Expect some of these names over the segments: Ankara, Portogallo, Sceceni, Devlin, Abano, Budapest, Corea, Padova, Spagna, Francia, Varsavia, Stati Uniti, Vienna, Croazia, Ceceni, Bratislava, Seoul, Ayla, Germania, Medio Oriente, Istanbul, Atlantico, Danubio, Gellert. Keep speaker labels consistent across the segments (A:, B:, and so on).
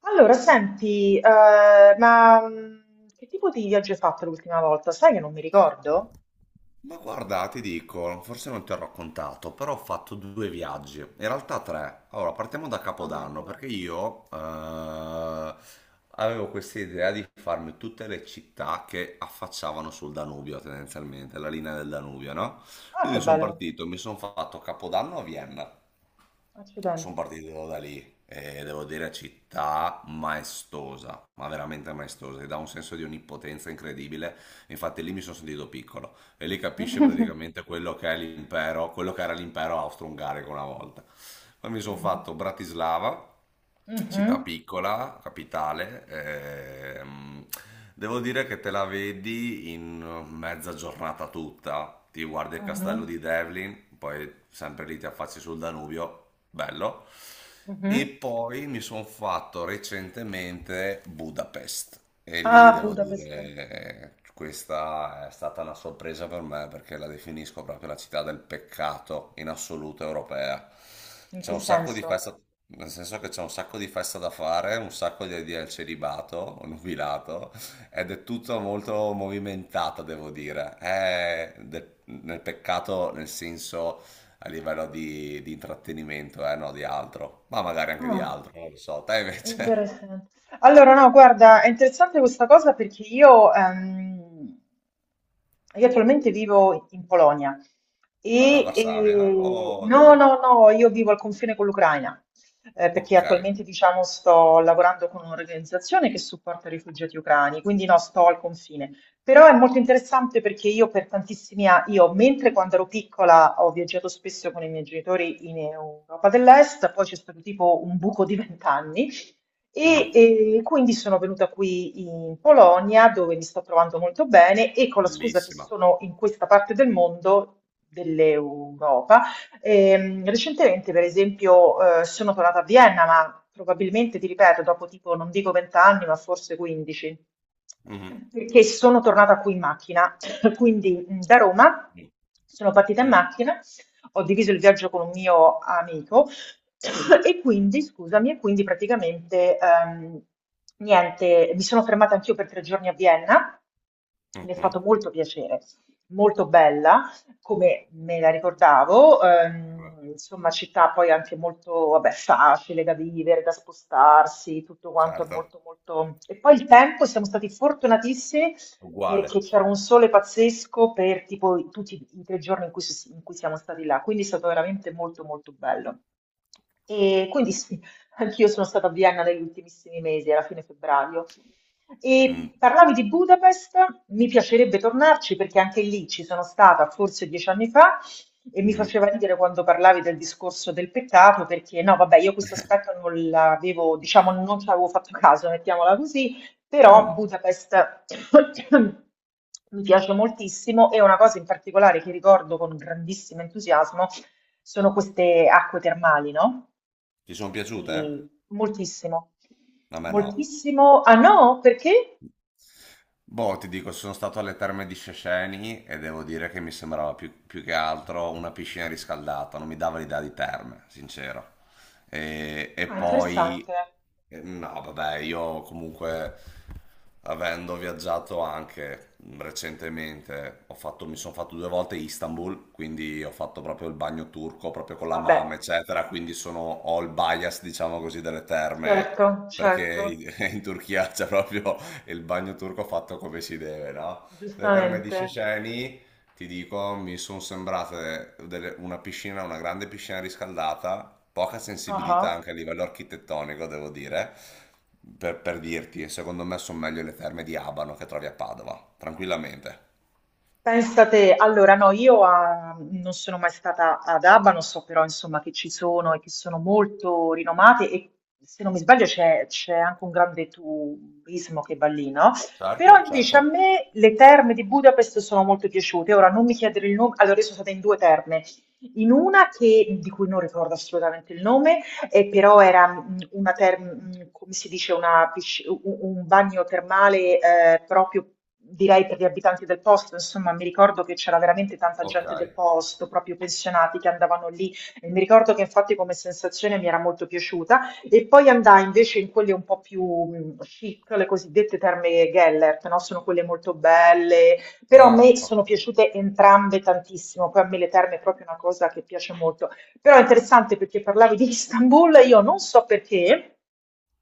A: Allora, senti, ma che tipo di viaggio hai fatto l'ultima volta? Sai che non mi ricordo?
B: Ma guarda, ti dico, forse non ti ho raccontato, però ho fatto due viaggi, in realtà tre. Allora, partiamo da Capodanno,
A: Addirittura.
B: perché io avevo questa idea di farmi tutte le città che affacciavano sul Danubio, tendenzialmente, la linea del Danubio, no?
A: Ah, che
B: Quindi sono
A: bello.
B: partito, mi sono fatto Capodanno a Vienna, sono
A: Accidenti.
B: partito da lì e devo dire città maestosa, ma veramente maestosa, che dà un senso di onnipotenza incredibile, infatti lì mi sono sentito piccolo e lì capisce praticamente quello che è l'impero, quello che era l'impero austro-ungarico una volta. Poi mi sono
A: Mhm,
B: fatto Bratislava, città
A: mhm,
B: piccola, capitale. ehm, Devo dire che te la vedi in mezza giornata tutta. Ti guardi il castello
A: mhm,
B: di Devlin, poi sempre lì ti affacci sul Danubio, bello. E
A: mhm.
B: poi mi sono fatto recentemente Budapest e lì
A: Ah,
B: devo dire
A: Budapest.
B: questa è stata una sorpresa per me perché la definisco proprio la città del peccato in assoluto europea.
A: In
B: C'è
A: che
B: un sacco di
A: senso?
B: festa, nel senso che c'è un sacco di festa da fare, un sacco di idee al celibato, o nubilato, ed è tutto molto movimentata, devo dire. È nel peccato nel senso a livello di intrattenimento, no, di altro, ma magari anche di
A: Ah.
B: altro, non lo so. Te invece?
A: Interessante. Allora, no, guarda, è interessante questa cosa perché io attualmente vivo in Polonia
B: Ah,
A: e,
B: Varsavia, eh? O
A: no,
B: dove?
A: no, no, io vivo al confine con l'Ucraina, perché
B: Ok.
A: attualmente, diciamo, sto lavorando con un'organizzazione che supporta i rifugiati ucraini, quindi no, sto al confine. Però è molto interessante perché io per tantissimi anni, io mentre quando ero piccola ho viaggiato spesso con i miei genitori in Europa dell'Est, poi c'è stato tipo un buco di 20 anni
B: Mm,
A: quindi sono venuta qui in Polonia dove mi sto trovando molto bene e con la scusa che
B: bellissima.
A: sono in questa parte del mondo, dell'Europa, recentemente per esempio sono tornata a Vienna, ma probabilmente, ti ripeto, dopo tipo non dico 20 anni, ma forse 15,
B: Mhm,
A: perché sono tornata qui in macchina, quindi da Roma
B: mm,
A: sono partita in
B: mm,
A: macchina, ho diviso il viaggio con un mio amico. E quindi, scusami, e quindi praticamente niente, mi sono fermata anch'io per 3 giorni a Vienna, mi è
B: mhm.
A: fatto molto piacere, molto bella, come me la ricordavo, insomma, città poi anche molto, vabbè, facile da vivere, da spostarsi, tutto quanto è
B: Certo,
A: molto, molto. E poi il tempo, siamo stati fortunatissimi
B: uguale.
A: perché c'era un sole pazzesco per tipo tutti i tre giorni in cui, in cui siamo stati là, quindi è stato veramente molto, molto bello. E quindi sì, anch'io sono stata a Vienna negli ultimissimi mesi, era fine febbraio, e
B: Mm,
A: parlavi di Budapest, mi piacerebbe tornarci perché anche lì ci sono stata forse 10 anni fa e mi
B: mhm,
A: faceva ridere quando parlavi del discorso del peccato perché no, vabbè, io questo aspetto non l'avevo, diciamo, non ci avevo fatto caso, mettiamola così,
B: mm.
A: però Budapest mi piace moltissimo e una cosa in particolare che ricordo con grandissimo entusiasmo sono queste acque termali, no?
B: Ti sono piaciute, eh?
A: Che Moltissimo.
B: A me no.
A: Moltissimo. Ah no? Perché?
B: Boh, ti dico, sono stato alle terme di Sceceni e devo dire che mi sembrava più, più che altro una piscina riscaldata, non mi dava l'idea di terme, sincero. E, e
A: Ah,
B: poi,
A: interessante.
B: eh, no, vabbè, io comunque, avendo viaggiato anche recentemente, mi sono fatto due volte Istanbul, quindi ho fatto proprio il bagno turco, proprio con la
A: Vabbè,
B: mamma, eccetera, quindi sono, ho il bias, diciamo così, delle terme,
A: certo,
B: perché
A: certo,
B: in in Turchia c'è proprio e il bagno turco fatto come si deve, no? Le terme di
A: giustamente.
B: Ceceni, ti dico, mi sono sembrate una piscina, una grande piscina riscaldata, poca
A: Ah
B: sensibilità
A: ah.
B: anche a livello architettonico, devo dire, per dirti, e secondo me sono meglio le terme di Abano che trovi a Padova, tranquillamente.
A: Pensa te, allora no, io non sono mai stata ad Abano, so però insomma che ci sono e che sono molto rinomate e se non mi sbaglio c'è anche un grande turismo che va lì, no? Però
B: Certo,
A: invece a
B: certo.
A: me le terme di Budapest sono molto piaciute, ora non mi chiedere il nome, allora io sono stata in due terme, in una che, di cui non ricordo assolutamente il nome, però era una come si dice, una un bagno termale proprio direi per gli abitanti del posto, insomma, mi ricordo che c'era veramente tanta
B: Ok.
A: gente del posto, proprio pensionati che andavano lì. E mi ricordo che infatti come sensazione mi era molto piaciuta. E poi andai invece in quelle un po' più chic, le cosiddette terme Gellert, no? Sono quelle molto belle, però a
B: Ah,
A: me sono piaciute entrambe tantissimo. Poi a me le terme è proprio una cosa che piace molto. Però è interessante perché parlavi di Istanbul, io non so perché,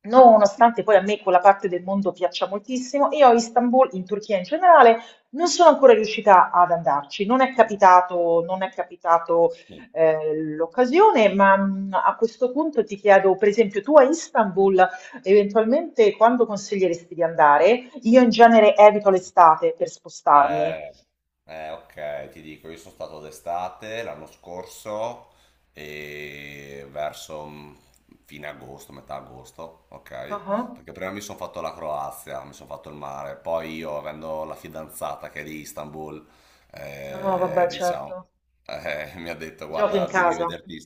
A: nonostante poi a me quella parte del mondo piaccia moltissimo, io a Istanbul, in Turchia in generale, non sono ancora riuscita ad andarci, non è capitato, non è capitato
B: ok.
A: l'occasione, ma a questo punto ti chiedo, per esempio, tu a Istanbul eventualmente quando consiglieresti di andare? Io in genere evito l'estate per spostarmi.
B: Eh, ok, ti dico, io sono stato d'estate l'anno scorso e verso fine agosto, metà agosto, ok?
A: Ah, ah.
B: Perché prima mi sono fatto la Croazia, mi sono fatto il mare, poi io, avendo la fidanzata che è di Istanbul,
A: No, vabbè,
B: diciamo,
A: certo.
B: mi ha detto,
A: Giochi in
B: guarda, devi
A: casa.
B: vederti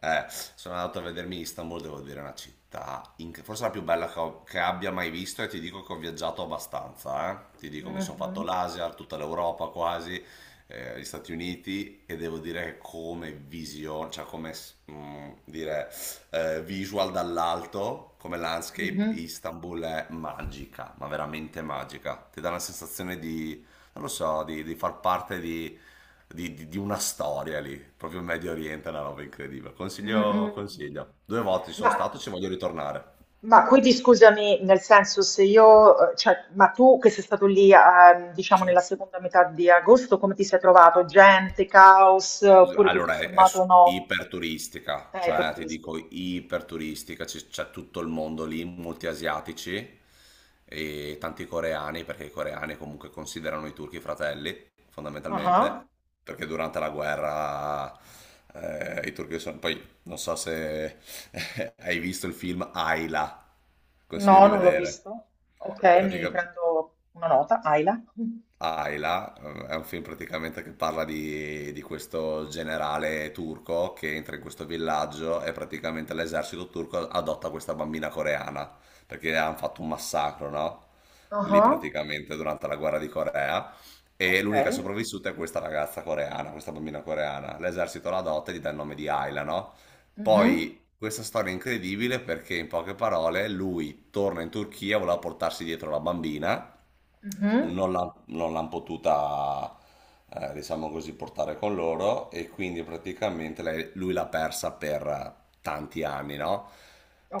B: eh, sono andato a vedermi Istanbul, devo dire, è una città, forse la più bella che, che abbia mai visto e ti dico che ho viaggiato abbastanza, eh. Ti dico, mi sono fatto
A: Mhm.
B: l'Asia, tutta l'Europa quasi, gli Stati Uniti e devo dire che come visione, cioè come dire, visual dall'alto, come landscape,
A: Mhm.
B: Istanbul è magica, ma veramente magica. Ti dà una sensazione di non lo so, di far parte di una storia lì, proprio in Medio Oriente è una roba incredibile.
A: Mm, mm,
B: Consiglio,
A: mm.
B: consiglio. Due volte ci sono
A: Ma,
B: stato, ci voglio ritornare.
A: quindi scusami, nel senso se io, cioè, ma tu che sei stato lì, diciamo, nella
B: Sì.
A: seconda metà di agosto, come ti sei trovato? Gente, caos, oppure tutto
B: Allora,
A: sommato no?
B: iperturistica,
A: Per
B: cioè ti dico
A: turistico.
B: iperturistica, c'è tutto il mondo lì, molti asiatici e tanti coreani, perché i coreani comunque considerano i turchi fratelli,
A: Ah.
B: fondamentalmente, perché durante la guerra i turchi sono... Poi non so se hai visto il film Ayla,
A: No,
B: consiglio di
A: non l'ho
B: vedere.
A: visto. Ok, mi
B: Pratica-
A: prendo una nota, Aila.
B: Ayla, è un film praticamente che parla di questo generale turco che entra in questo villaggio e praticamente l'esercito turco adotta questa bambina coreana perché hanno fatto un massacro, no? Lì
A: Ah.
B: praticamente durante la guerra di Corea e
A: Ok.
B: l'unica sopravvissuta è questa ragazza coreana, questa bambina coreana. L'esercito la adotta e gli dà il nome di Ayla, no?
A: Mhm,
B: Poi questa storia è incredibile perché in poche parole lui torna in Turchia, voleva portarsi dietro la bambina
A: mhm.
B: non l'hanno potuta, diciamo così, portare con loro e quindi praticamente lui l'ha persa per tanti anni, no?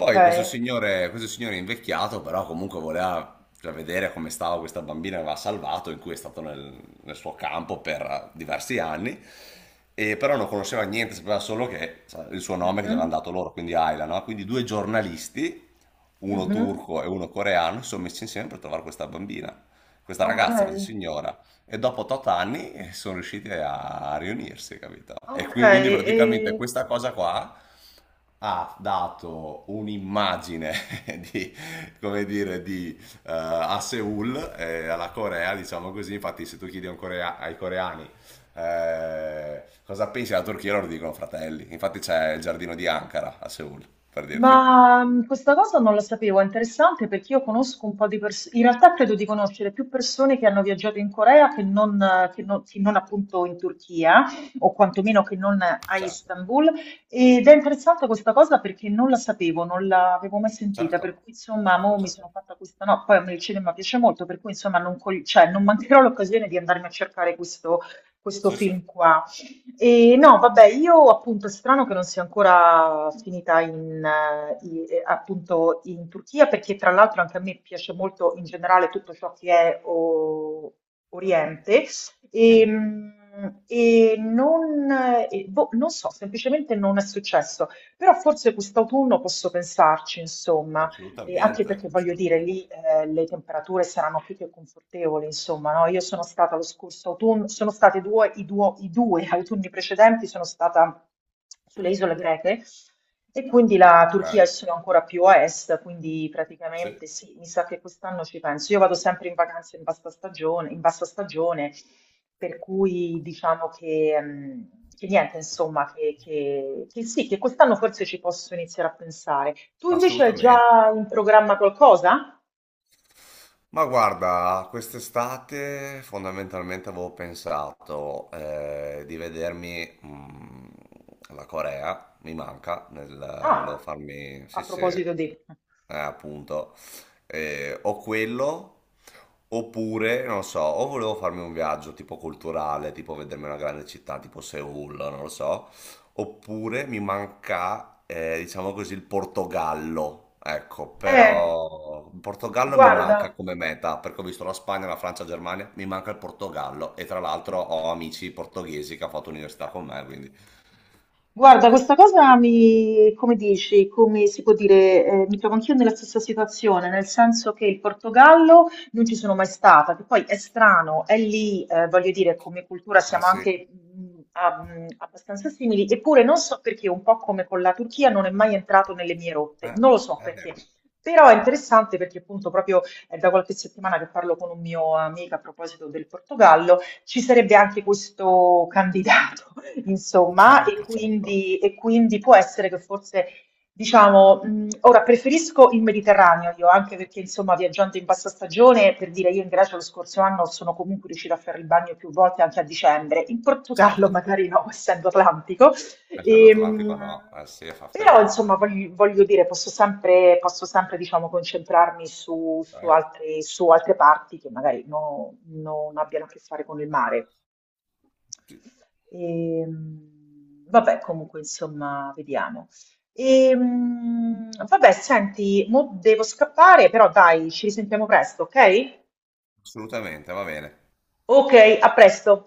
A: Ok.
B: questo signore invecchiato, però comunque voleva cioè, vedere come stava questa bambina che aveva salvato, in cui è stato nel suo campo per diversi anni, e però non conosceva niente, sapeva solo che sa, il suo nome che gli avevano
A: Mhm,
B: dato loro, quindi Ayla, no? Quindi due giornalisti, uno
A: mhm.
B: turco e uno coreano, si sono messi insieme per trovare questa
A: Ok,
B: ragazza, questa signora, e dopo tot anni sono riusciti a riunirsi, capito? E
A: ok,
B: quindi
A: e
B: praticamente questa cosa qua ha dato un'immagine di, come dire, di, a Seoul e alla Corea, diciamo così, infatti se tu chiedi a ai coreani cosa pensi della Turchia, loro dicono fratelli, infatti c'è il giardino di Ankara a Seoul, per dirti.
A: ma questa cosa non la sapevo, è interessante perché io conosco un po' di persone, in realtà credo di conoscere più persone che hanno viaggiato in Corea che non appunto in Turchia o quantomeno che non a
B: Certo,
A: Istanbul ed è interessante questa cosa perché non la sapevo, non l'avevo mai sentita, per
B: certo,
A: cui insomma
B: certo,
A: mo mi sono
B: certo.
A: fatta questa, no, poi a me il cinema piace molto, per cui insomma non, cioè, non mancherò l'occasione di andarmi a cercare questo
B: Sì, sì.
A: film qua. E no, vabbè, io appunto è strano che non sia ancora finita in, appunto in Turchia, perché tra l'altro anche a me piace molto in generale tutto ciò che è Oriente. E,
B: Mhm.
A: mm, e non, e boh, non so, semplicemente non è successo, però forse quest'autunno posso pensarci, insomma. E anche
B: Assolutamente,
A: perché voglio dire,
B: assolutamente.
A: lì le temperature saranno più che confortevoli, insomma, no? Io sono stata lo scorso autunno, sono state due, i due autunni precedenti, sono stata sulle isole greche e quindi la Turchia è
B: Okay,
A: solo ancora più a est, quindi
B: sì,
A: praticamente sì, mi sa che quest'anno ci penso. Io vado sempre in vacanza in bassa stagione, per cui diciamo che, che niente, insomma, che, che sì, che quest'anno forse ci posso iniziare a pensare. Tu invece hai
B: assolutamente.
A: già in programma qualcosa?
B: Ma guarda, quest'estate fondamentalmente avevo pensato di vedermi la Corea, mi manca, volevo
A: Ah,
B: farmi,
A: a
B: sì sì,
A: proposito di.
B: appunto, o quello, oppure, non lo so, o volevo farmi un viaggio tipo culturale, tipo vedermi una grande città tipo Seoul, non lo so, oppure mi manca, diciamo così, il Portogallo. Ecco,
A: Eh,
B: però il Portogallo mi manca
A: guarda.
B: come meta, perché ho visto la Spagna, la Francia, la Germania, mi manca il Portogallo. E tra l'altro ho amici portoghesi che hanno fatto università con me, quindi...
A: Guarda, questa cosa mi, come dici, come si può dire, mi trovo anch'io nella stessa situazione, nel senso che il Portogallo non ci sono mai stata, che poi è strano, è lì, voglio dire, come cultura
B: Ah
A: siamo
B: sì,
A: anche abbastanza simili, eppure non so perché, un po' come con la Turchia, non è mai entrato nelle mie rotte, non lo so
B: è
A: perché.
B: vero.
A: Però è interessante perché appunto proprio è da qualche settimana che parlo con un mio amico a proposito del Portogallo, ci sarebbe anche questo candidato, insomma, e
B: Certo, certo,
A: quindi, e quindi può essere che forse, diciamo, ora preferisco il Mediterraneo io, anche perché, insomma, viaggiando in bassa stagione, per dire, io in Grecia lo scorso anno sono comunque riuscita a fare il bagno più volte anche a dicembre, in Portogallo
B: certo.
A: magari no, essendo atlantico.
B: Essendo Atlantico no,
A: Ehm,
B: eh sì, fa
A: Però insomma
B: freddo.
A: voglio dire, posso sempre, diciamo, concentrarmi su, su
B: Certo,
A: altre, su altre parti che magari non abbiano a che fare con il mare.
B: sì,
A: Vabbè, comunque insomma, vediamo. Vabbè, senti, mo devo scappare, però dai, ci risentiamo presto, ok?
B: assolutamente, va bene.
A: Ok, a presto.